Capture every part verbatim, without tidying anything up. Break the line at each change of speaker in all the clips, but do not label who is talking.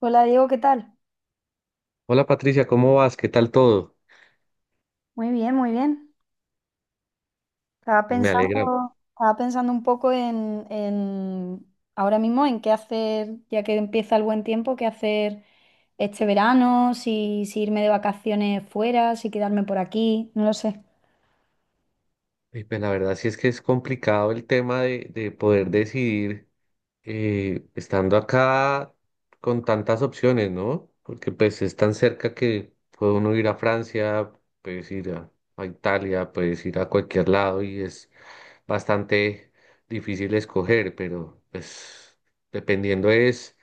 Hola Diego, ¿qué tal?
Hola Patricia, ¿cómo vas? ¿Qué tal todo?
Muy bien, muy bien. Estaba
Me alegra.
pensando, estaba pensando un poco en, en ahora mismo en qué hacer, ya que empieza el buen tiempo, qué hacer este verano, si, si irme de vacaciones fuera, si quedarme por aquí, no lo sé.
Y pues la verdad sí es que es complicado el tema de, de poder decidir. Eh, estando acá con tantas opciones, ¿no? Porque pues es tan cerca que puede uno ir a Francia, puedes ir a, a Italia, puedes ir a cualquier lado y es bastante difícil escoger, pero pues dependiendo es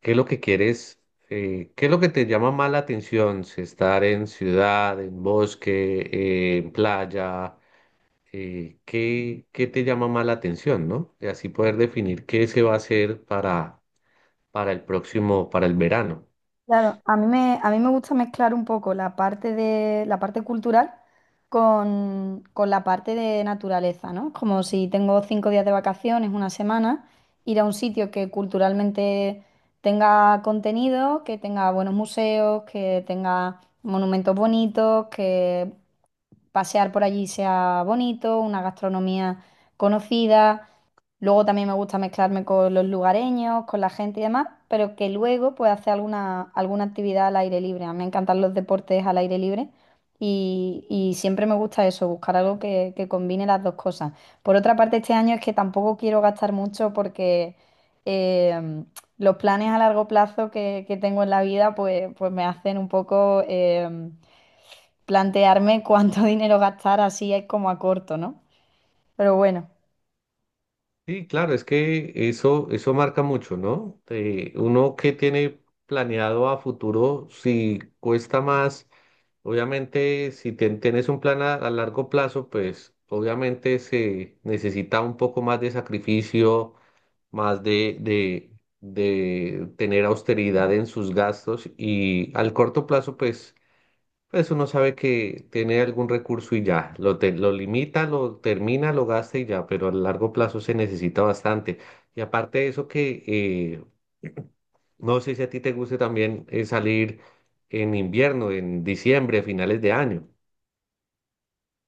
qué es lo que quieres, eh, qué es lo que te llama más la atención, si estar en ciudad, en bosque, eh, en playa eh, qué, qué te llama más la atención, ¿no? Y así poder definir qué se va a hacer para, para el próximo, para el verano.
Claro, a mí me, a mí me gusta mezclar un poco la parte de la parte cultural con, con la parte de naturaleza, ¿no? Como si tengo cinco días de vacaciones, una semana, ir a un sitio que culturalmente tenga contenido, que tenga buenos museos, que tenga monumentos bonitos, que pasear por allí sea bonito, una gastronomía conocida. Luego también me gusta mezclarme con los lugareños, con la gente y demás, pero que luego pues hacer alguna, alguna actividad al aire libre. A mí me encantan los deportes al aire libre y, y siempre me gusta eso, buscar algo que, que combine las dos cosas. Por otra parte, este año es que tampoco quiero gastar mucho porque em, los planes a largo plazo que, que tengo en la vida, pues, pues me hacen un poco em, plantearme cuánto dinero gastar así es como a corto, ¿no? Pero bueno.
Sí, claro, es que eso, eso marca mucho, ¿no? Eh, uno que tiene planeado a futuro, si cuesta más, obviamente, si ten- tienes un plan a, a largo plazo, pues obviamente se necesita un poco más de sacrificio, más de, de, de tener austeridad en sus gastos y al corto plazo, pues pues uno sabe que tiene algún recurso y ya, lo, te- lo limita, lo termina, lo gasta y ya, pero a largo plazo se necesita bastante. Y aparte de eso que eh, no sé si a ti te guste también eh, salir en invierno, en diciembre, a finales de año.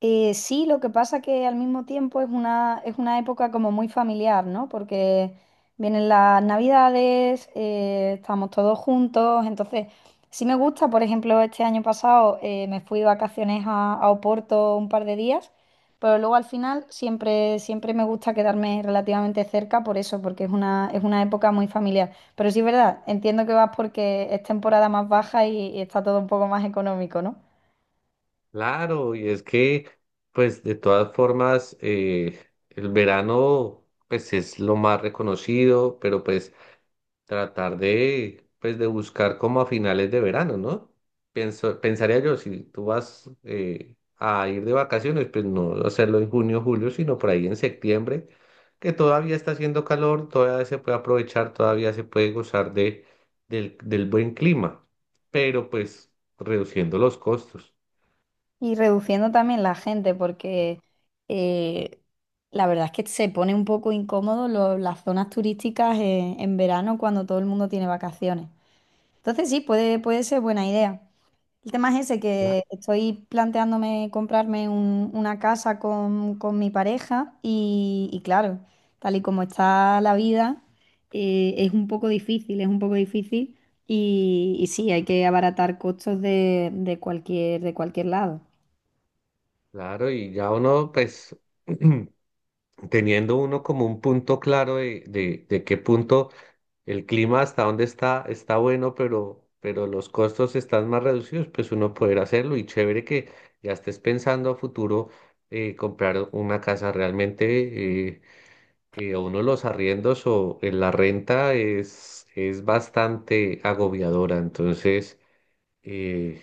Eh, sí, lo que pasa que al mismo tiempo es una, es una época como muy familiar, ¿no? Porque vienen las navidades, eh, estamos todos juntos, entonces sí me gusta, por ejemplo, este año pasado eh, me fui de vacaciones a, a Oporto un par de días, pero luego al final siempre, siempre me gusta quedarme relativamente cerca por eso, porque es una, es una época muy familiar. Pero sí es verdad, entiendo que vas porque es temporada más baja y y está todo un poco más económico, ¿no?
Claro, y es que pues de todas formas eh, el verano pues es lo más reconocido, pero pues tratar de, pues, de buscar como a finales de verano, ¿no? Pienso, pensaría yo, si tú vas eh, a ir de vacaciones, pues no hacerlo en junio, julio, sino por ahí en septiembre, que todavía está haciendo calor, todavía se puede aprovechar, todavía se puede gozar de, del, del buen clima, pero pues reduciendo los costos.
Y reduciendo también la gente, porque eh, la verdad es que se pone un poco incómodo lo- las zonas turísticas en, en verano cuando todo el mundo tiene vacaciones. Entonces sí, puede, puede ser buena idea. El tema es ese,
Cla-
que estoy planteándome comprarme un- una casa con, con mi pareja y, y claro, tal y como está la vida, eh, es un poco difícil, es un poco difícil y, y sí, hay que abaratar costos de, de cualquier, de cualquier lado.
Claro, y ya uno, pues, teniendo uno como un punto claro de, de, de qué punto el clima hasta donde está, está bueno, pero, pero los costos están más reducidos, pues uno poder hacerlo y chévere que ya estés pensando a futuro eh, comprar una casa realmente, eh, eh, a uno los arriendos o en la renta es, es bastante agobiadora, entonces eh,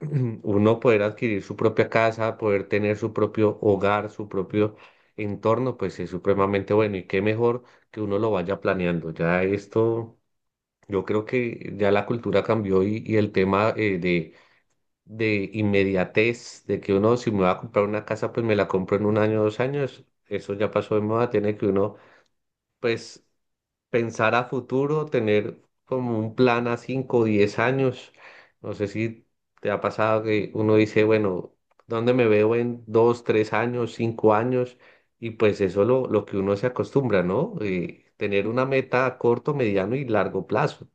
uno poder adquirir su propia casa, poder tener su propio hogar, su propio entorno, pues es supremamente bueno y qué mejor que uno lo vaya planeando. Ya esto yo creo que ya la cultura cambió y, y el tema eh, de, de inmediatez, de que uno si me va a comprar una casa, pues me la compro en un año, dos años, eso ya pasó de moda, tiene que uno pues pensar a futuro, tener como un plan a cinco o diez años. No sé si te ha pasado que uno dice, bueno, ¿dónde me veo en dos, tres años, cinco años? Y pues eso lo, lo que uno se acostumbra, ¿no? Eh, tener una meta a corto, mediano y largo plazo.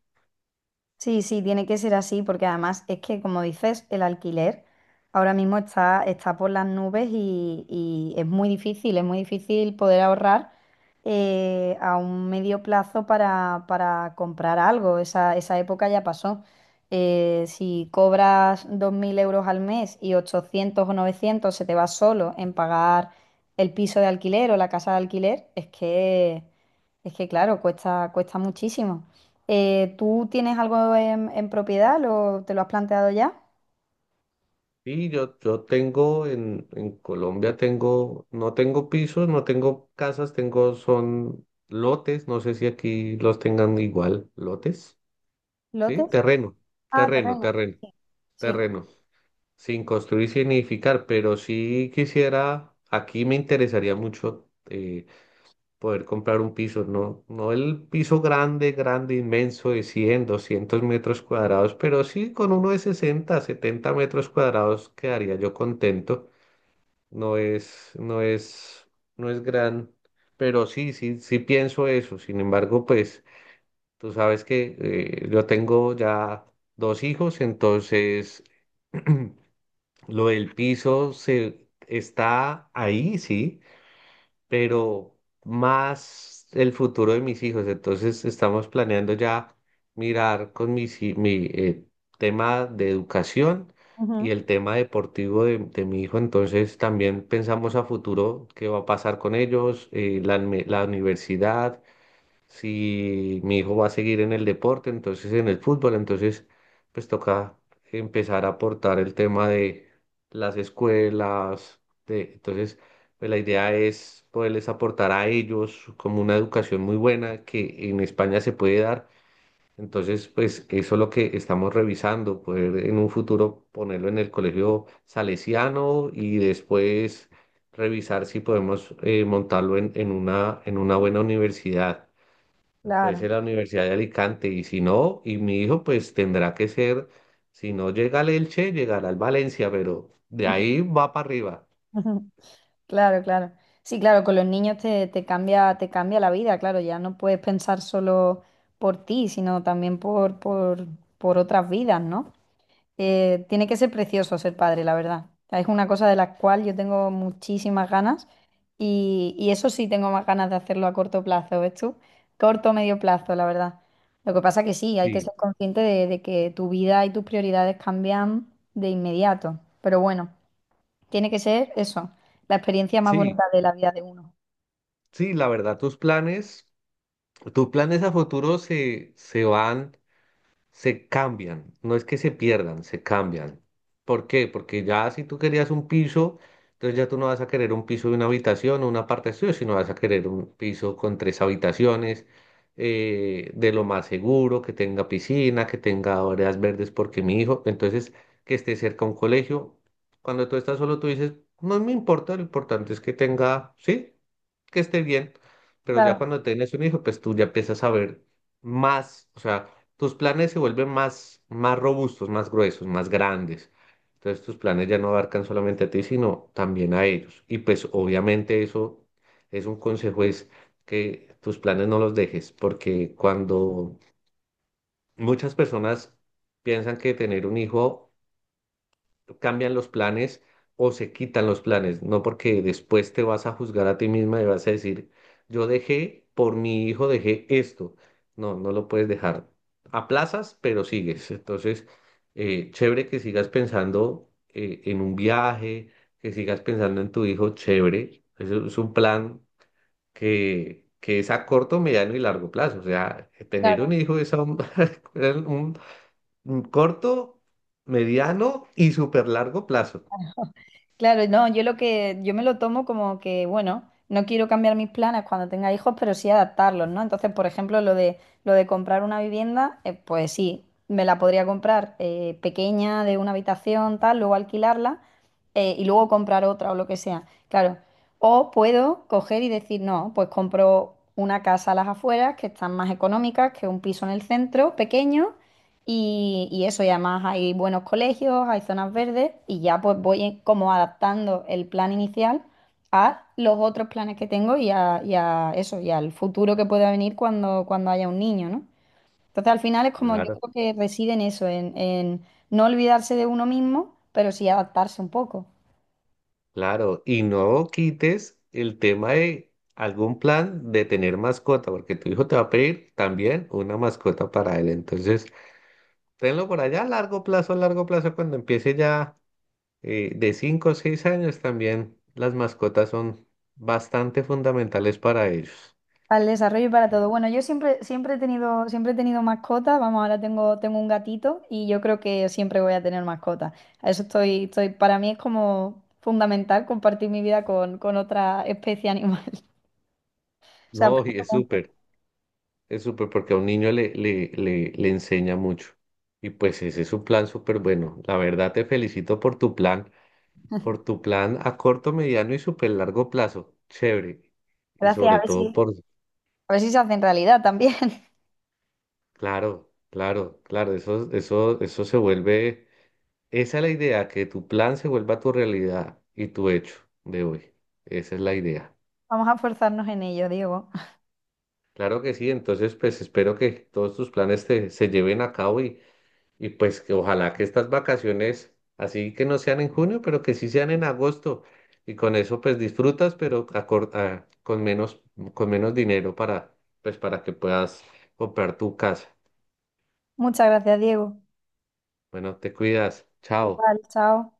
Sí, sí, tiene que ser así, porque además es que, como dices, el alquiler ahora mismo está, está por las nubes y, y es muy difícil, es muy difícil poder ahorrar eh, a un medio plazo para, para comprar algo. Esa, esa época ya pasó. Eh, si cobras dos mil euros al mes y ochocientos o novecientos se te va solo en pagar el piso de alquiler o la casa de alquiler, es que, es que claro, cuesta, cuesta muchísimo. Eh, ¿tú tienes algo en, en propiedad? ¿Lo, te lo has planteado ya?
Sí, yo, yo tengo en, en Colombia tengo, no tengo pisos, no tengo casas, tengo, son lotes, no sé si aquí los tengan igual, lotes, ¿sí?
¿Lotes?
Terreno,
Ah,
terreno,
terreno.
terreno,
Sí, sí.
terreno, sin construir, sin edificar, pero sí quisiera, aquí me interesaría mucho eh, poder comprar un piso, no, no el piso grande, grande, inmenso de cien doscientos metros cuadrados, pero sí con uno de sesenta setenta metros cuadrados quedaría yo contento. No es, no es, no es gran, pero sí, sí, sí pienso eso. Sin embargo, pues tú sabes que eh, yo tengo ya dos hijos, entonces lo del piso se está ahí, sí, pero más el futuro de mis hijos. Entonces estamos planeando ya mirar con mis hi- mi eh, tema de educación
Ujú.
y el tema deportivo de, de mi hijo. Entonces también pensamos a futuro qué va a pasar con ellos, eh, la, unme- la universidad si mi hijo va a seguir en el deporte, entonces en el fútbol, entonces pues toca empezar a aportar el tema de las escuelas, de, entonces pues la idea es poderles aportar a ellos como una educación muy buena que en España se puede dar. Entonces, pues eso es lo que estamos revisando, poder en un futuro ponerlo en el colegio salesiano y después revisar si podemos eh, montarlo en, en una, en una buena universidad. Puede ser
Claro.
la Universidad de Alicante y si no, y mi hijo pues tendrá que ser, si no llega al Elche, llegará al Valencia, pero de ahí va para arriba.
Claro, claro. Sí, claro, con los niños te, te cambia, te cambia la vida, claro, ya no puedes pensar solo por ti, sino también por, por, por otras vidas, ¿no? Eh, tiene que ser precioso ser padre, la verdad. Es una cosa de la cual yo tengo muchísimas ganas y, y eso sí tengo más ganas de hacerlo a corto plazo, ¿ves tú? Corto o medio plazo, la verdad. Lo que pasa que sí, hay que
Sí,
ser consciente de, de que tu vida y tus prioridades cambian de inmediato. Pero bueno, tiene que ser eso, la experiencia más
sí,
bonita de la vida de uno.
sí, la verdad, tus planes, tus planes a futuro se, se van. Se cambian, no es que se pierdan, se cambian. ¿Por qué? Porque ya si tú querías un piso, entonces ya tú no vas a querer un piso de una habitación o una parte de estudio, sino vas a querer un piso con tres habitaciones, eh, de lo más seguro, que tenga piscina, que tenga áreas verdes, porque mi hijo, entonces que esté cerca a un colegio. Cuando tú estás solo, tú dices, no me importa, lo importante es que tenga, sí, que esté bien. Pero ya
Claro, claro.
cuando tienes un hijo, pues tú ya empiezas a ver más, o sea, tus planes se vuelven más, más robustos, más gruesos, más grandes. Entonces tus planes ya no abarcan solamente a ti, sino también a ellos. Y pues obviamente eso es un consejo, es que tus planes no los dejes, porque cuando muchas personas piensan que tener un hijo cambian los planes o se quitan los planes, no porque después te vas a juzgar a ti misma y vas a decir, yo dejé, por mi hijo dejé esto. No, no lo puedes dejar. Aplazas, pero sigues. Entonces, eh, chévere que sigas pensando eh, en un viaje, que sigas pensando en tu hijo, chévere. Eso es un plan que, que es a corto, mediano y largo plazo. O sea, tener un hijo es a un, un un corto, mediano y súper largo plazo.
Claro, no, yo lo que, yo me lo tomo como que, bueno, no quiero cambiar mis planes cuando tenga hijos, pero sí adaptarlos, ¿no? Entonces, por ejemplo, lo de, lo de comprar una vivienda, eh, pues sí, me la podría comprar eh, pequeña, de una habitación, tal, luego alquilarla eh, y luego comprar otra o lo que sea, claro. O puedo coger y decir, no, pues compro una casa a las afueras que están más económicas que un piso en el centro, pequeño, y, y eso, y además hay buenos colegios, hay zonas verdes y ya pues voy en- como adaptando el plan inicial a los otros planes que tengo y a, y a eso, y al futuro que pueda venir cuando, cuando haya un niño, ¿no? Entonces al final es como yo
Claro,
creo que reside en eso, en, en no olvidarse de uno mismo, pero sí adaptarse un poco.
claro. Y no quites el tema de algún plan de tener mascota, porque tu hijo te va a pedir también una mascota para él. Entonces, tenlo por allá a largo plazo, a largo plazo, cuando empiece ya eh, de cinco o seis años también, las mascotas son bastante fundamentales para ellos.
Para el desarrollo y para todo. Bueno, yo siempre, siempre he tenido, siempre he tenido mascota. Vamos, ahora tengo, tengo un gatito y yo creo que siempre voy a tener mascota. A eso estoy, estoy, para mí es como fundamental compartir mi vida con, con otra especie animal. O sea,
No, y
aprendo
es
mucho.
súper, es súper porque a un niño le, le, le, le enseña mucho. Y pues ese es un plan súper bueno. La verdad te felicito por tu plan. Por tu plan a corto, mediano y súper largo plazo. Chévere. Y
Gracias, a
sobre
ver
todo
si,
por...
a ver si se hace en realidad también.
Claro, claro, claro. Eso, eso, eso se vuelve... Esa es la idea, que tu plan se vuelva tu realidad y tu hecho de hoy. Esa es la idea.
Vamos a esforzarnos en ello, Diego.
Claro que sí. Entonces, pues espero que todos tus planes te, se lleven a cabo. Y pues que ojalá que estas vacaciones, así que no sean en junio, pero que sí sean en agosto. Y con eso pues disfrutas, pero acor- ah, con menos, con menos dinero para, pues para que puedas comprar tu casa.
Muchas gracias, Diego.
Bueno, te cuidas. Chao.
Igual, chao.